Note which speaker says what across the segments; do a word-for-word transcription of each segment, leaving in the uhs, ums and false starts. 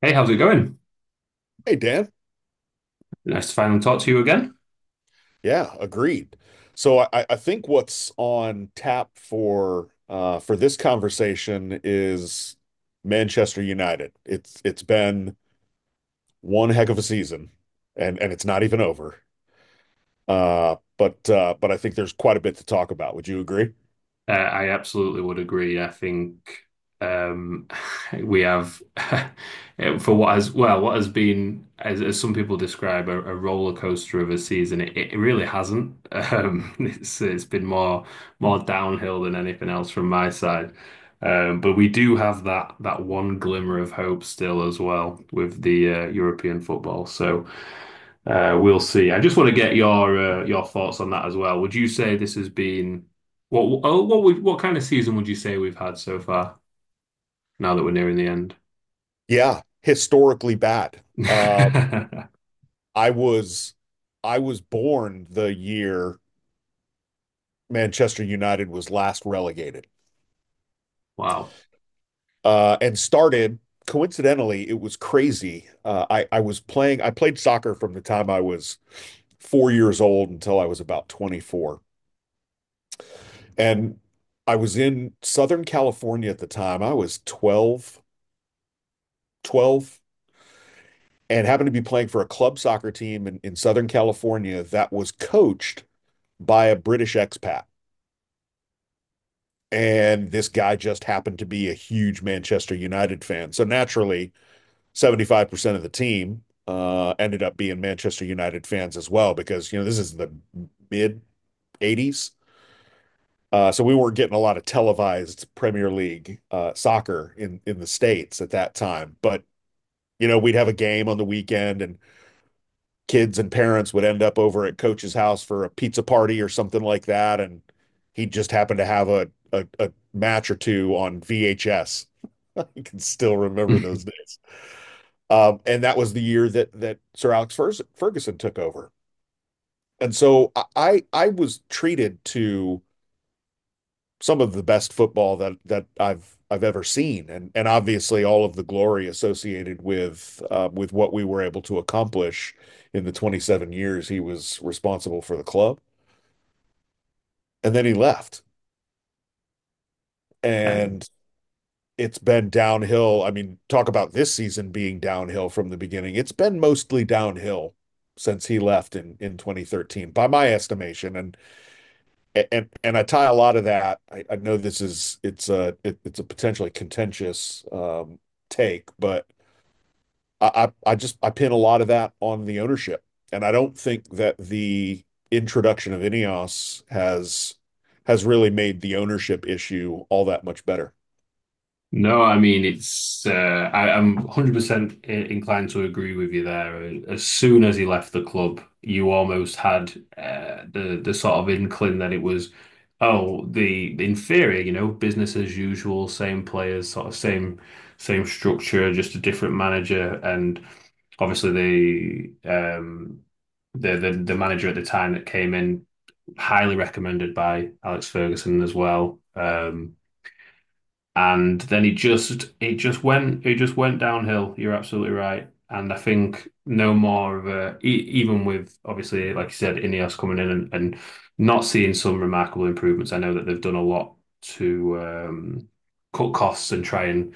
Speaker 1: Hey, how's it going?
Speaker 2: Hey, Dan.
Speaker 1: Nice to finally talk to you again.
Speaker 2: Yeah, agreed. So I, I think what's on tap for uh, for this conversation is Manchester United. It's it's been one heck of a season, and and it's not even over. Uh, but uh, but I think there's quite a bit to talk about. Would you agree?
Speaker 1: Uh, I absolutely would agree. I think um, we have, for what has well, what has been, as, as some people describe, a, a roller coaster of a season. It, it really hasn't. Um, it's it's been more more downhill than anything else from my side. Um, but we do have that that one glimmer of hope still as well with the uh, European football. So, Uh, we'll see. I just want to get your uh, your thoughts on that as well. Would you say this has been what oh, what we what kind of season would you say we've had so far now that we're nearing the end?
Speaker 2: Yeah, historically bad. Uh, I was I was born the year Manchester United was last relegated,
Speaker 1: Wow.
Speaker 2: uh, and started. Coincidentally, it was crazy. Uh, I I was playing. I played soccer from the time I was four years old until I was about twenty-four, and I was in Southern California at the time. I was twelve, twelve and happened to be playing for a club soccer team in, in Southern California that was coached by a British expat. And this guy just happened to be a huge Manchester United fan. So naturally, seventy-five percent of the team uh, ended up being Manchester United fans as well, because, you know, this is the mid eighties. Uh, so we weren't getting a lot of televised Premier League uh, soccer in, in the States at that time. But, you know, we'd have a game on the weekend and kids and parents would end up over at coach's house for a pizza party or something like that. And he just happened to have a, a, a match or two on V H S. I can still remember those days. Um, and that was the year that that Sir Alex Ferguson took over. And so I I was treated to some of the best football that that I've I've ever seen, and and obviously all of the glory associated with uh, with what we were able to accomplish in the twenty-seven years he was responsible for the club, and then he left,
Speaker 1: Um,
Speaker 2: and it's been downhill. I mean, talk about this season being downhill from the beginning. It's been mostly downhill since he left in in twenty thirteen, by my estimation, and and and I tie a lot of that. I, I know this is it's a it, it's a potentially contentious um take, but I, I I just I pin a lot of that on the ownership, and I don't think that the introduction of Ineos has has really made the ownership issue all that much better.
Speaker 1: No, I mean it's uh, I, I'm one hundred percent inclined to agree with you there. Uh, As soon as he left the club, you almost had uh, the the sort of inkling that it was, oh, the the inferior, you know, business as usual, same players, sort of same same structure, just a different manager. And obviously the um the the, the manager at the time that came in, highly recommended by Alex Ferguson as well. Um, and then he just it just went it just went downhill. You're absolutely right. And I think no more of a e- even with, obviously, like you said, Ineos coming in, and and not seeing some remarkable improvements. I know that they've done a lot to, um, cut costs and try and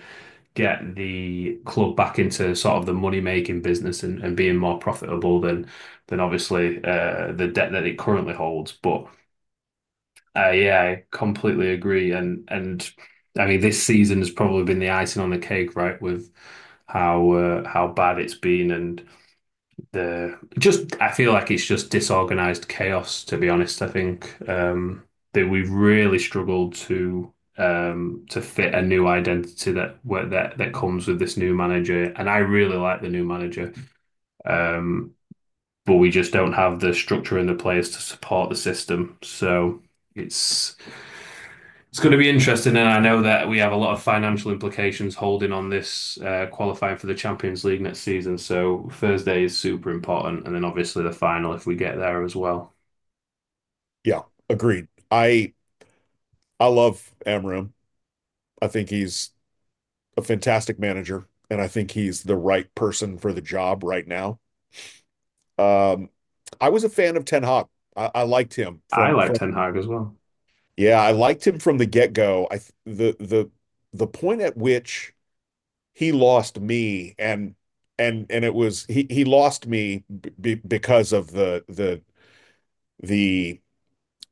Speaker 1: get the club back into sort of the money making business and, and being more profitable than than obviously uh, the debt that it currently holds. But uh, yeah, I completely agree. And and I mean, this season has probably been the icing on the cake, right? With how uh, how bad it's been. And the just I feel like it's just disorganized chaos, to be honest. I think um, that we've really struggled to, um, to fit a new identity that where- that that comes with this new manager, and I really like the new manager. Um, but we just don't have the structure and the players to support the system. So it's it's going to be interesting, and I know that we have a lot of financial implications holding on this uh, qualifying for the Champions League next season. So Thursday is super important, and then obviously the final if we get there as well.
Speaker 2: Yeah, agreed. I I love Amram. I think he's a fantastic manager, and I think he's the right person for the job right now. Um, I was a fan of Ten Hag. I, I liked him
Speaker 1: I
Speaker 2: from
Speaker 1: like
Speaker 2: from
Speaker 1: Ten Hag as well,
Speaker 2: yeah, I liked him from the get go. I th- the the the point at which he lost me, and and and it was he he lost me b b- because of the the the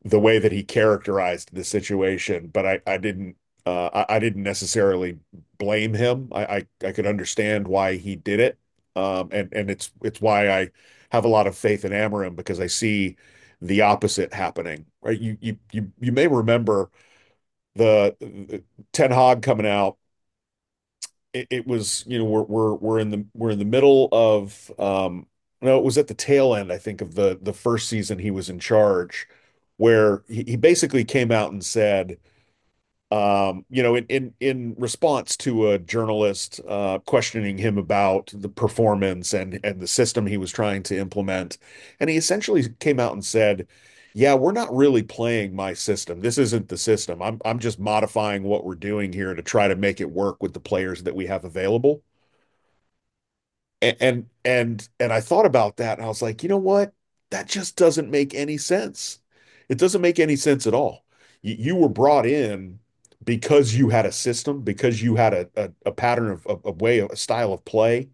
Speaker 2: the way that he characterized the situation, but I, I didn't uh, I, I didn't necessarily blame him. I, I, I could understand why he did it. Um, and, and it's it's why I have a lot of faith in Amarim, because I see the opposite happening, right? You you you you may remember the, the Ten Hag coming out. it, it was, you know, we're we're we're in the we're in the middle of um no, it was at the tail end, I think, of the the first season he was in charge, where he, he basically came out and said um, you know, in in in response to a journalist uh, questioning him about the performance and and the system he was trying to implement, and he essentially came out and said, "Yeah, we're not really playing my system. This isn't the system. I'm I'm just modifying what we're doing here to try to make it work with the players that we have available." And, and and and I thought about that and I was like, you know what? That just doesn't make any sense. It doesn't make any sense at all. You, you were brought in because you had a system, because you had a, a, a pattern of, of, of way, of- a style of play,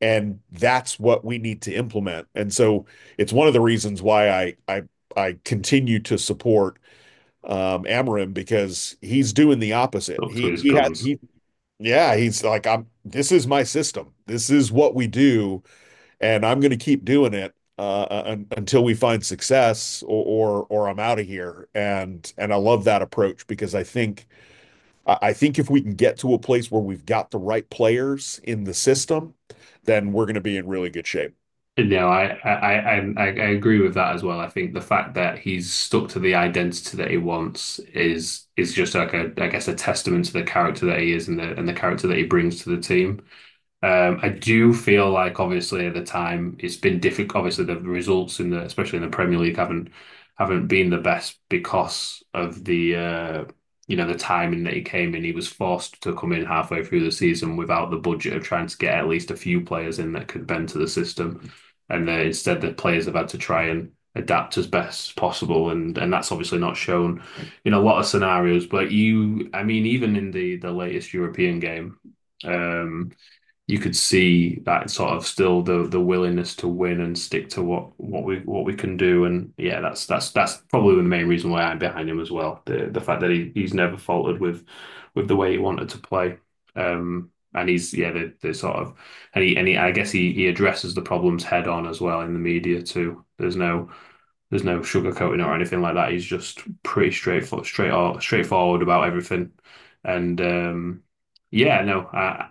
Speaker 2: and that's what we need to implement. And so it's one of the reasons why I I I continue to support um Amarim, because he's doing the opposite.
Speaker 1: up to
Speaker 2: He
Speaker 1: his
Speaker 2: he had
Speaker 1: guns.
Speaker 2: he Yeah, he's like, I'm this is my system. This is what we do, and I'm going to keep doing it uh, uh, un until we find success, or or, or I'm out of here. And and I love that approach, because I think I think if we can get to a place where we've got the right players in the system, then we're going to be in really good shape.
Speaker 1: No, I, I, I, i I agree with that as well. I think the fact that he's stuck to the identity that he wants is is just like, a, I guess, a testament to the character that he is, and the and the character that he brings to the team. Um, I do feel like obviously at the time it's been difficult. Obviously, the results in the especially in the Premier League haven't haven't been the best because of the, uh, you know, the timing that he came in. He was forced to come in halfway through the season without the budget of trying to get at least a few players in that could bend to the system, and uh, instead the players have had to try and adapt as best as possible, and and that's obviously not shown in a lot of scenarios. But you, I mean, even in the the latest European game. Um, you could see that sort of still the the willingness to win and stick to what what we what we can do. And yeah, that's that's that's probably the main reason why I'm behind him as well. The the fact that he, he's never faltered with with the way he wanted to play. Um, and he's, yeah, the, the sort of, and he and he, I guess he he addresses the problems head on as well in the media too. There's no there's no sugarcoating or anything like that. He's just pretty straightforward, straight or straightforward about everything. And, um, yeah, no, I,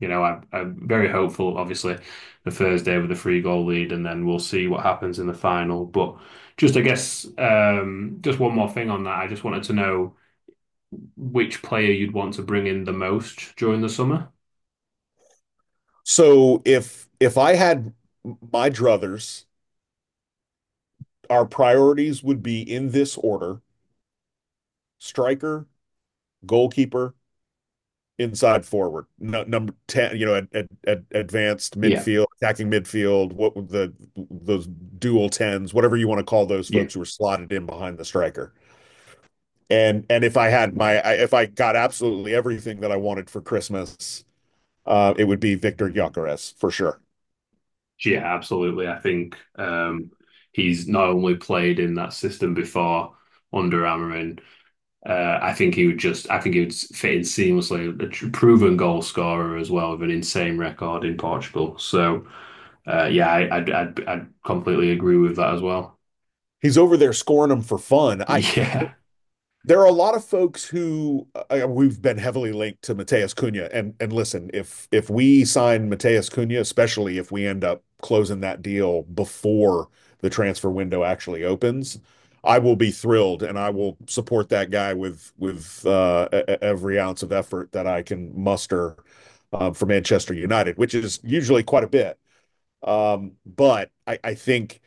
Speaker 1: you know, I, I'm very hopeful. Obviously, the Thursday with a three goal lead, and then we'll see what happens in the final. But just, I guess, um, just one more thing on that. I just wanted to know which player you'd want to bring in the most during the summer.
Speaker 2: So if if I had my druthers, our priorities would be in this order: striker, goalkeeper, inside forward, no, number ten, you know, at, at, at advanced
Speaker 1: Yeah.
Speaker 2: midfield, attacking midfield, what the those dual tens, whatever you want to call those
Speaker 1: Yeah.
Speaker 2: folks who were slotted in behind the striker. And and if I had my if I got absolutely everything that I wanted for Christmas, uh, it would be Victor Gyokeres for sure.
Speaker 1: Yeah, absolutely. I think um, he's not only played in that system before under Amarin. uh, I think he would just, I think he would fit in seamlessly. A tr- proven goal scorer as well, with an insane record in Portugal. So, uh, yeah, I, I'd, I'd, I'd completely agree with that as well.
Speaker 2: He's over there scoring them for fun. I
Speaker 1: Yeah.
Speaker 2: there are a lot of folks who uh, uh, we've been heavily linked to Mateus Cunha, and and listen, if if we sign Mateus Cunha, especially if we end up closing that deal before the transfer window actually opens, I will be thrilled, and I will support that guy with with uh, e, e, every ounce of effort that I can muster um, for Manchester United, which is usually quite a bit. Um, but I, I think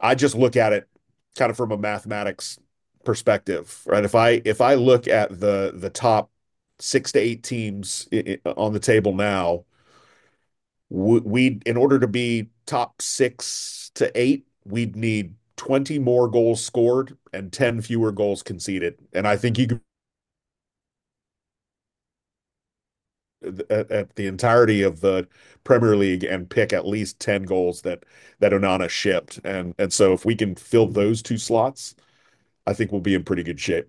Speaker 2: I just look at it kind of from a mathematics perspective, right? If I if I look at the the top six to eight teams i- i- on the table now, we, we in order to be top six to eight, we'd need twenty more goals scored and ten fewer goals conceded. And I think you could at, at the entirety of the Premier League and pick at least ten goals that that Onana shipped. And and so if we can fill those two slots, I think we'll be in pretty good shape.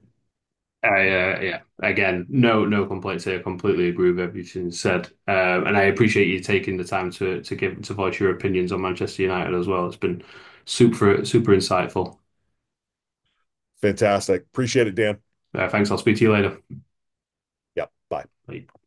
Speaker 1: I, uh, Yeah, again, no, no complaints here. Completely agree with everything you said, um, and I appreciate you taking the time to to give to voice your opinions on Manchester United as well. It's been super, super insightful.
Speaker 2: Fantastic. Appreciate it, Dan.
Speaker 1: Uh, thanks. I'll speak to you later.
Speaker 2: Yeah, bye.
Speaker 1: Bye.